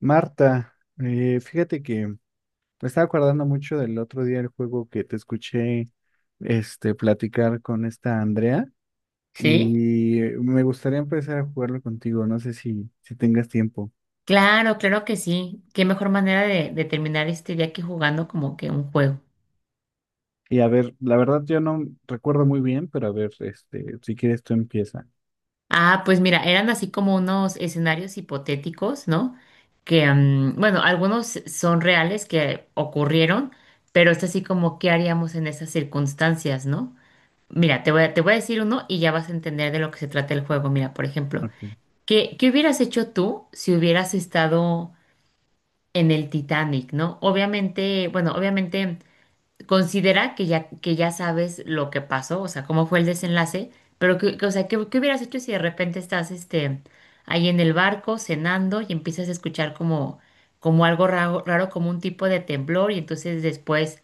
Marta, fíjate que me estaba acordando mucho del otro día el juego que te escuché platicar con esta Andrea Sí, y me gustaría empezar a jugarlo contigo, no sé si tengas tiempo. claro, claro que sí. Qué mejor manera de terminar este día que jugando como que un juego. Y a ver, la verdad yo no recuerdo muy bien, pero a ver, si quieres tú empieza. Ah, pues mira, eran así como unos escenarios hipotéticos, ¿no? Que, bueno, algunos son reales que ocurrieron, pero es así como qué haríamos en esas circunstancias, ¿no? Mira, te voy a decir uno y ya vas a entender de lo que se trata el juego. Mira, por ejemplo, Ok. ¿Qué hubieras hecho tú si hubieras estado en el Titanic, ¿no? Obviamente, bueno, obviamente, considera que ya sabes lo que pasó, o sea, cómo fue el desenlace, pero o sea, ¿qué hubieras hecho si de repente estás ahí en el barco cenando y empiezas a escuchar como, como algo raro, raro, como un tipo de temblor y entonces después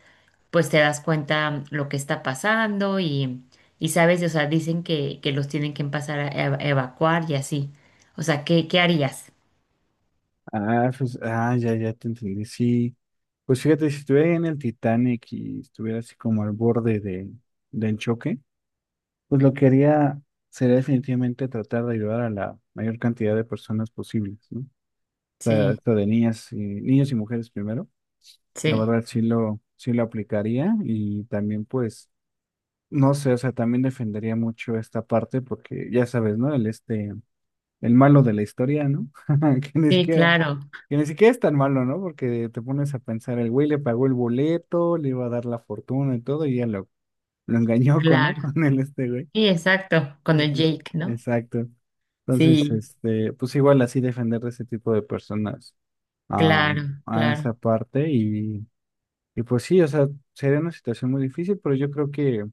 pues te das cuenta lo que está pasando y sabes, o sea, dicen que los tienen que pasar a evacuar y así. O sea, ¿qué harías? Ah, pues, ya, ya te entendí. Sí, pues fíjate, si estuviera ahí en el Titanic y estuviera así como al borde del choque. Pues lo que haría sería definitivamente tratar de ayudar a la mayor cantidad de personas posibles, ¿no? O sea, Sí, esto de niñas y niños y mujeres primero. La sí, verdad sí lo aplicaría y también pues, no sé, o sea, también defendería mucho esta parte porque ya sabes, ¿no? El malo de la historia, ¿no? Que ni sí, siquiera, claro, que ni siquiera es tan malo, ¿no? Porque te pones a pensar, el güey le pagó el boleto, le iba a dar la fortuna y todo, y ya lo engañó con, ¿no? claro. Con el este güey. Sí, exacto, con el Entonces, Jake, ¿no? exacto. Entonces, Sí. Pues igual así defender de ese tipo de personas a, Claro, a claro. esa parte y pues sí, o sea, sería una situación muy difícil, pero yo creo que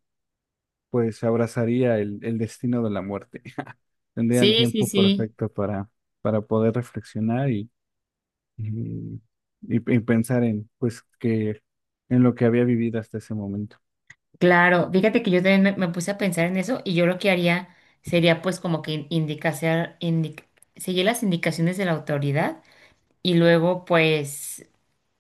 pues abrazaría el destino de la muerte. Tendría el Sí, sí, tiempo sí, perfecto para poder reflexionar y, y pensar en pues que en lo que había vivido hasta ese momento. claro. Fíjate que yo también me puse a pensar en eso y yo lo que haría sería pues como que seguir las indicaciones de la autoridad y luego pues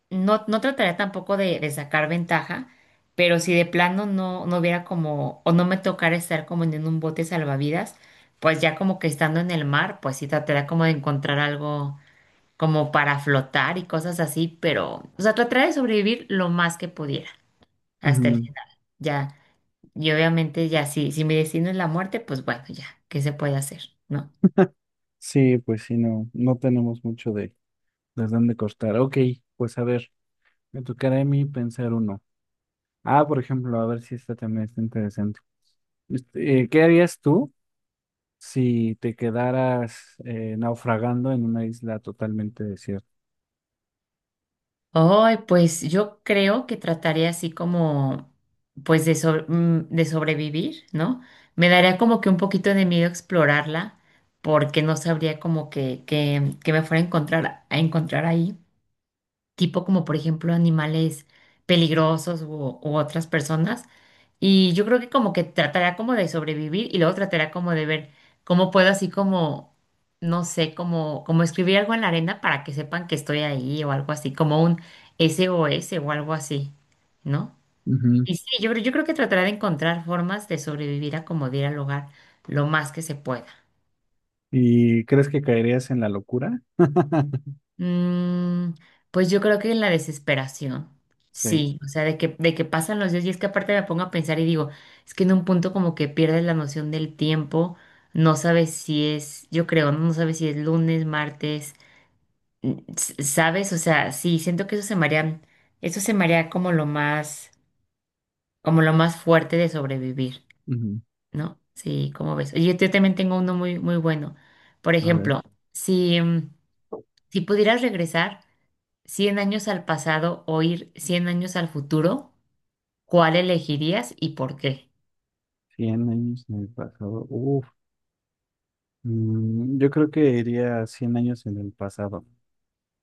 no, no trataría tampoco de sacar ventaja, pero si de plano no, no hubiera como o no me tocara estar como en un bote salvavidas, pues ya como que estando en el mar, pues sí trataría como de encontrar algo como para flotar y cosas así, pero o sea, trataría de sobrevivir lo más que pudiera hasta el Ujú. final. Ya, y obviamente ya, si mi destino es la muerte, pues bueno, ya, ¿qué se puede hacer? ¿No? Sí, pues sí, no tenemos mucho de dónde cortar. Ok, pues a ver, me tocará a mí pensar uno. Ah, por ejemplo, a ver si esta también está interesante. ¿Qué harías tú si te quedaras naufragando en una isla totalmente desierta? Ay, pues yo creo que trataré así como, pues de, de sobrevivir, ¿no? Me daría como que un poquito de miedo explorarla, porque no sabría como que me fuera a encontrar ahí, tipo como por ejemplo animales peligrosos u otras personas. Y yo creo que como que tratará como de sobrevivir y luego tratará como de ver cómo puedo así como, no sé, como, como escribir algo en la arena para que sepan que estoy ahí o algo así, como un SOS o S o algo así, ¿no? Ujú. Y sí, yo creo que tratará de encontrar formas de sobrevivir a como de ir al hogar lo más que se pueda. ¿Y crees que caerías en la locura? Mm, pues yo creo que en la desesperación, Sí. sí, o sea, de que pasan los días y es que aparte me pongo a pensar y digo, es que en un punto como que pierdes la noción del tiempo, no sabes si es, yo creo, no. No sabes si es lunes, martes, sabes, o sea, sí, siento que eso se me haría, eso se me haría como lo más fuerte de sobrevivir, Ujú. ¿no? Sí, como ves? Oye, yo también tengo uno muy, muy bueno. Por A ver, ejemplo, si, si pudieras regresar cien años al pasado o ir 100 años al futuro, ¿cuál elegirías y por qué? 100 años en el pasado. Uf. Yo creo que iría 100 años en el pasado.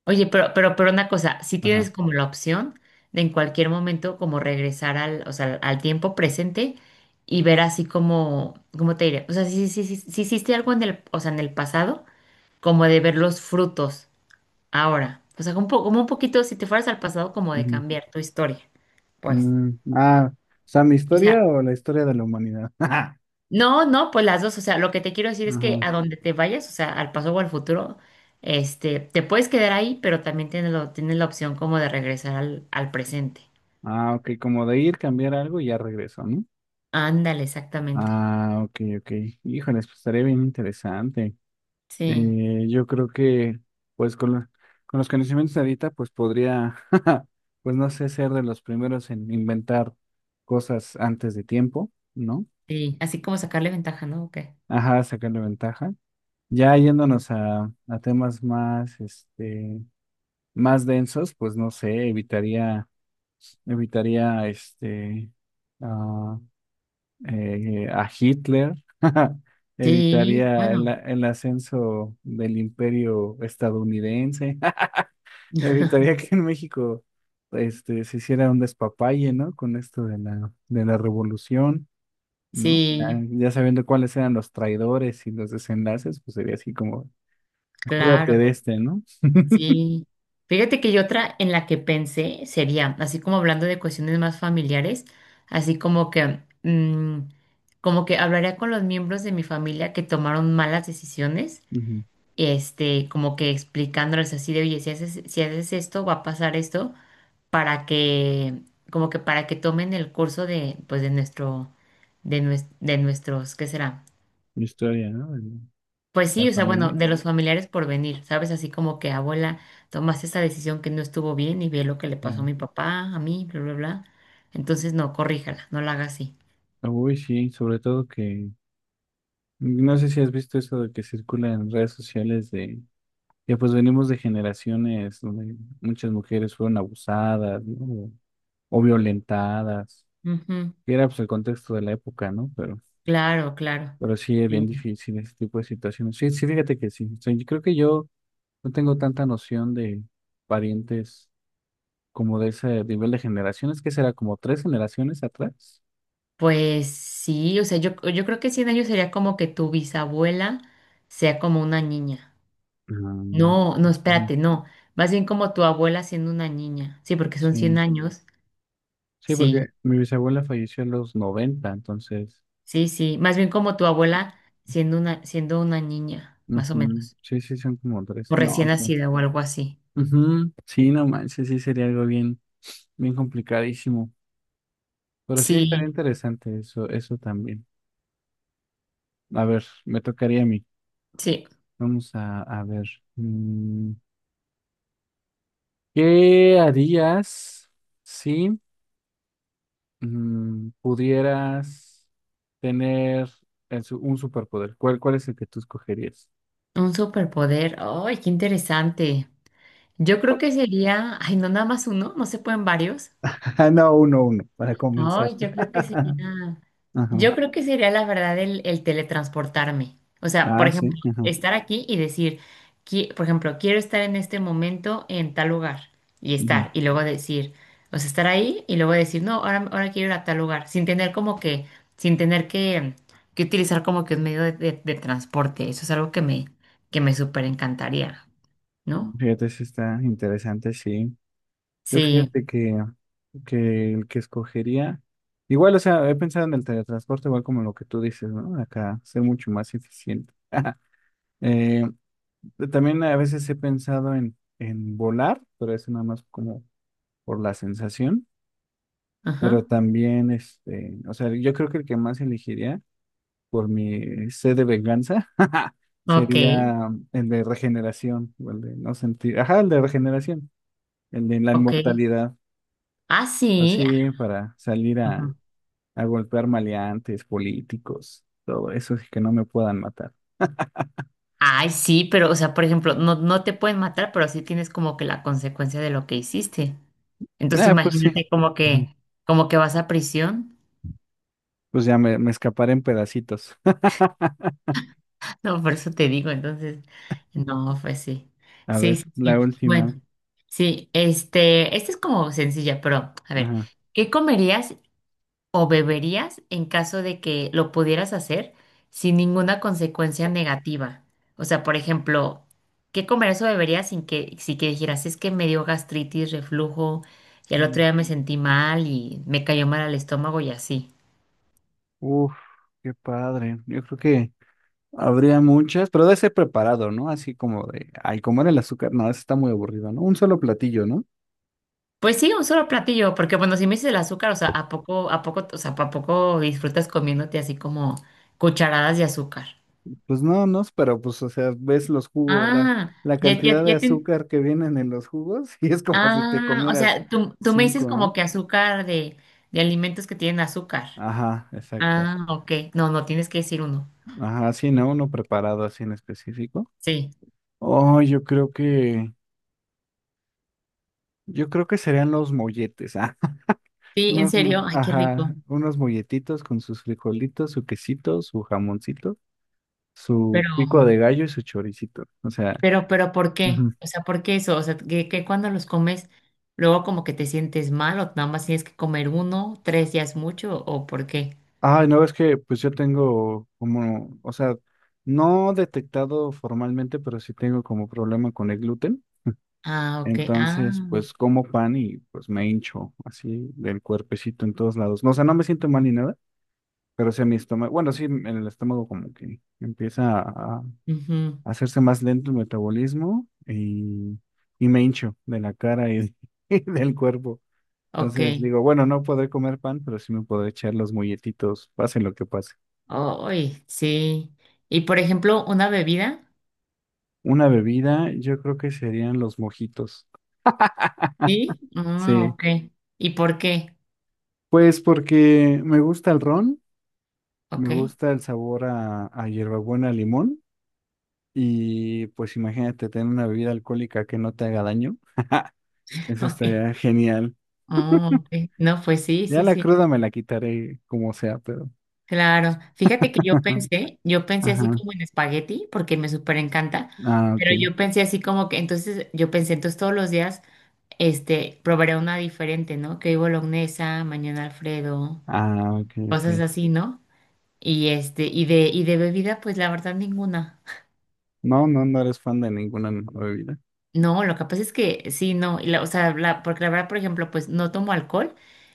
Oye, pero una cosa, si Ajá. tienes como la opción de en cualquier momento como regresar o sea, al tiempo presente y ver así como, ¿cómo te diré? O sea, si hiciste algo en el, o sea, en el pasado, como de ver los frutos ahora. O sea, como, como un poquito, si te fueras al pasado, como de Ujú. cambiar tu historia, pues. Mm, ah, o sea, ¿mi O historia sea, o la historia de la humanidad? no, no, pues las dos, o sea, lo que te quiero decir es que Ajá. a donde te vayas, o sea, al paso o al futuro, este, te puedes quedar ahí, pero también tienes la opción como de regresar al presente. Ah, ok, como de ir, cambiar algo y ya regreso, ¿no? Ándale, exactamente. Ah, ok, ok. Híjoles, pues estaría bien interesante. Sí, Yo creo que, pues, con los conocimientos de ahorita, pues podría, pues no sé, ser de los primeros en inventar cosas antes de tiempo, ¿no? sí, así como sacarle ventaja, ¿no? ¿O qué? Ajá, sacarle ventaja. Ya yéndonos a temas más densos, pues no sé, evitaría, ah, a Hitler, Sí, evitaría el, a- bueno, el ascenso del imperio estadounidense, evitaría que en México se hiciera un despapalle, ¿no? Con esto de la revolución, ¿no? Ya, sí, ya sabiendo cuáles eran los traidores y los desenlaces, pues sería así como, cuídate de claro. este, ¿no? Sí, fíjate que yo otra en la que pensé sería, así como hablando de cuestiones más familiares, así como que, como que hablaría con los miembros de mi familia que tomaron malas decisiones, Ujú. este, como que explicándoles así de, oye, si haces esto, va a pasar esto, para que, como que para que tomen el curso de, pues, de nuestro, de nuestros, ¿qué será? Historia, ¿no? De Pues la sí, o sea, bueno, familia. de los familiares por venir, ¿sabes? Así como que abuela, tomaste esta decisión que no estuvo bien y ve lo que le pasó a Sí. mi papá, a mí, bla, bla, bla. Entonces, no, corríjala, no la haga así. Uy, sí, sobre todo que, no sé si has visto eso de que circula en redes sociales de ya pues venimos de generaciones donde muchas mujeres fueron abusadas, ¿no? O, violentadas, Ujú. que era pues el contexto de la época, ¿no? Pero, Claro, claro. pero sí es bien Sí. difícil ese tipo de situaciones. Sí, sí, fíjate que sí. O sea, yo creo que yo no tengo tanta noción de parientes como de ese nivel de generaciones, que será como tres generaciones atrás. Pues sí, o sea, yo creo que 100 años sería como que tu bisabuela sea como una niña. Ah, No, no, ujú, espérate, no. Más bien como tu abuela siendo una niña. Sí, porque son 100 sí, años. sí, porque Sí, mi bisabuela falleció en los 90 entonces, sí, sí. Más bien como tu abuela siendo una niña, más o ujú, menos. sí, sí, son como tres. O No, recién sí. nacida o algo así. Ujú, sí, no manches, sí sería algo bien, bien complicadísimo. Pero sí estaría Sí, interesante eso, eso también. A ver, me tocaría a mí. sí. Vamos a ver. mm, ¿Qué harías si pudieras tener un superpoder? ¿Cuál es el que tú escogerías? Un superpoder. ¡Ay, qué interesante! Yo creo que sería, ay, no nada más uno, ¿no se pueden varios? Ah, no, uno, uno, para comenzar. Ay, yo creo que sería, Ajá. yo creo que sería la verdad el teletransportarme. O sea, por Ah, sí, ejemplo, ajá. estar aquí y decir, por ejemplo, quiero estar en este momento en tal lugar y Ujú. estar, y luego decir, o sea, estar ahí y luego decir, no, ahora quiero ir a tal lugar, sin tener como que, sin tener que utilizar como que un medio de, de transporte. Eso es algo que me súper encantaría, ¿no? Fíjate, sí está interesante, sí. Yo Sí, fíjate que el que escogería, igual, o sea, he pensado en el teletransporte, igual como lo que tú dices, ¿no? Acá ser mucho más eficiente. Eh, También a veces he pensado en volar, pero eso nada más como por la sensación, pero ajá. también, o sea, yo creo que el que más elegiría por mi sed de venganza Ok, sería el de regeneración, o el de no sentir, ajá, el de regeneración, el de la ok. inmortalidad. Ah, Pues sí. sí, para salir a golpear maleantes, políticos, todo eso, así que no me puedan matar. Ay, sí, pero, o sea, por ejemplo, no, no te pueden matar, pero sí tienes como que la consecuencia de lo que hiciste. Entonces Ah, pues sí. imagínate Ujú. Como que vas a prisión. Pues ya me escaparé en pedacitos. No, por eso te digo, entonces, no, pues sí. A Sí, ver, sí, sí. la última. Bueno, sí, este, esta es como sencilla, pero a ver, Ajá. ¿qué comerías o beberías en caso de que lo pudieras hacer sin ninguna consecuencia negativa? O sea, por ejemplo, ¿qué comerías o beberías sin si que dijeras, es que me dio gastritis, reflujo, y al Ujú. otro día me sentí mal y me cayó mal al estómago y así? Uf, qué padre. Yo creo que habría muchas, pero debe ser preparado, ¿no? Así como de, ay, comer el azúcar, no, eso está muy aburrido, ¿no? Un solo platillo, ¿no? Pues sí, un solo platillo, porque bueno, si me dices el azúcar, o sea, ¿a poco, o sea, ¿a poco disfrutas comiéndote así como cucharadas de azúcar? Pues no, no, pero pues, o sea, ves los jugos, la, Ah, la cantidad de ya te... azúcar que vienen en los jugos y es como si te Ah, o comieras sea, tú me dices cinco, como ¿no? que azúcar de alimentos que tienen azúcar. Ajá, exacto. Ah, ok. No, no, tienes que decir uno. Ajá, sí, ¿no? Uno preparado así en específico. Sí. Oh, yo creo que serían los molletes, ah, Sí, ¿en serio? Ay, qué ajá, rico. unos molletitos con sus frijolitos, su quesito, su jamoncito, su Pero, pico de gallo y su choricito. O sea, pero, ¿por qué? ujú. O sea, ¿por qué eso? O sea, que cuando los comes, luego como que te sientes mal o nada más tienes que comer uno, ¿tres ya es mucho o por qué? Ay, no, es que pues yo tengo como, o sea, no detectado formalmente, pero sí tengo como problema con el gluten. Ah, ok. Ah, Entonces, pues como pan y pues me hincho así del cuerpecito en todos lados. No, o sea, no me siento mal ni nada. Pero sí, mi estómago, bueno, sí, en el estómago como que empieza a ujú. hacerse más lento el metabolismo y me hincho de la cara y, de- y del cuerpo. Ok. Entonces digo, bueno, no podré comer pan, pero sí me podré echar los molletitos, pase lo que pase. Ay, sí. Y por ejemplo, una bebida. Una bebida, yo creo que serían los mojitos. Sí. Ah, Sí, ok. ¿Y por qué? pues porque me gusta el ron, me Ok. gusta el sabor a hierbabuena, limón y pues imagínate tener una bebida alcohólica que no te haga daño. Eso Ok. estaría genial. Ah, ok. No, pues sí, Ya sí, la sí. cruda me la quitaré como sea, pero. Claro. Fíjate que yo pensé así Ajá. como en espagueti, porque me súper encanta, Ah, ok. pero yo pensé así como que, entonces, yo pensé, entonces todos los días, este, probaré una diferente, ¿no? Que hoy bolognesa, mañana Alfredo, Ah, ok, ok. cosas así, ¿no? Y este, y de bebida, pues la verdad ninguna. No, no, no eres fan de ninguna bebida. No, lo que pasa es que sí, no, o sea, porque la verdad, por ejemplo, pues no tomo alcohol,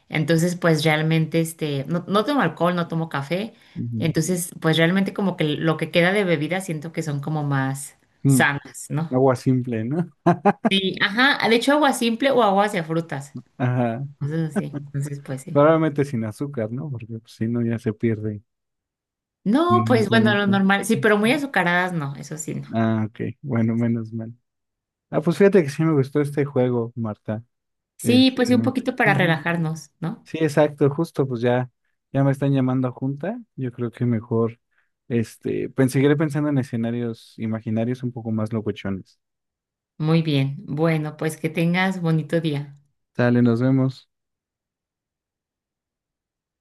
entonces pues realmente, este, no, no tomo alcohol, no tomo café, Ujú. entonces pues realmente como que lo que queda de bebida siento que son como más Mm, sanas, ¿no? Agua simple, ¿no? Sí, ajá, de hecho agua simple o agua hacia frutas, Ajá. entonces sí, entonces pues sí. Probablemente sin azúcar, ¿no? Porque pues, si no ya se pierde No, los pues bueno, lo nutrientes. normal, sí, pero muy azucaradas no, eso sí no. Ah, ok. Bueno, menos mal. Ah, pues fíjate que sí me gustó este juego, Marta. Sí, pues Este, sí, un poquito para Ujú. relajarnos, ¿no? Sí, exacto, justo, pues ya, me están llamando a junta. Yo creo que mejor, pues seguiré pensando en escenarios imaginarios un poco más locochones. Muy bien, bueno, pues que tengas bonito día. Sale, nos vemos.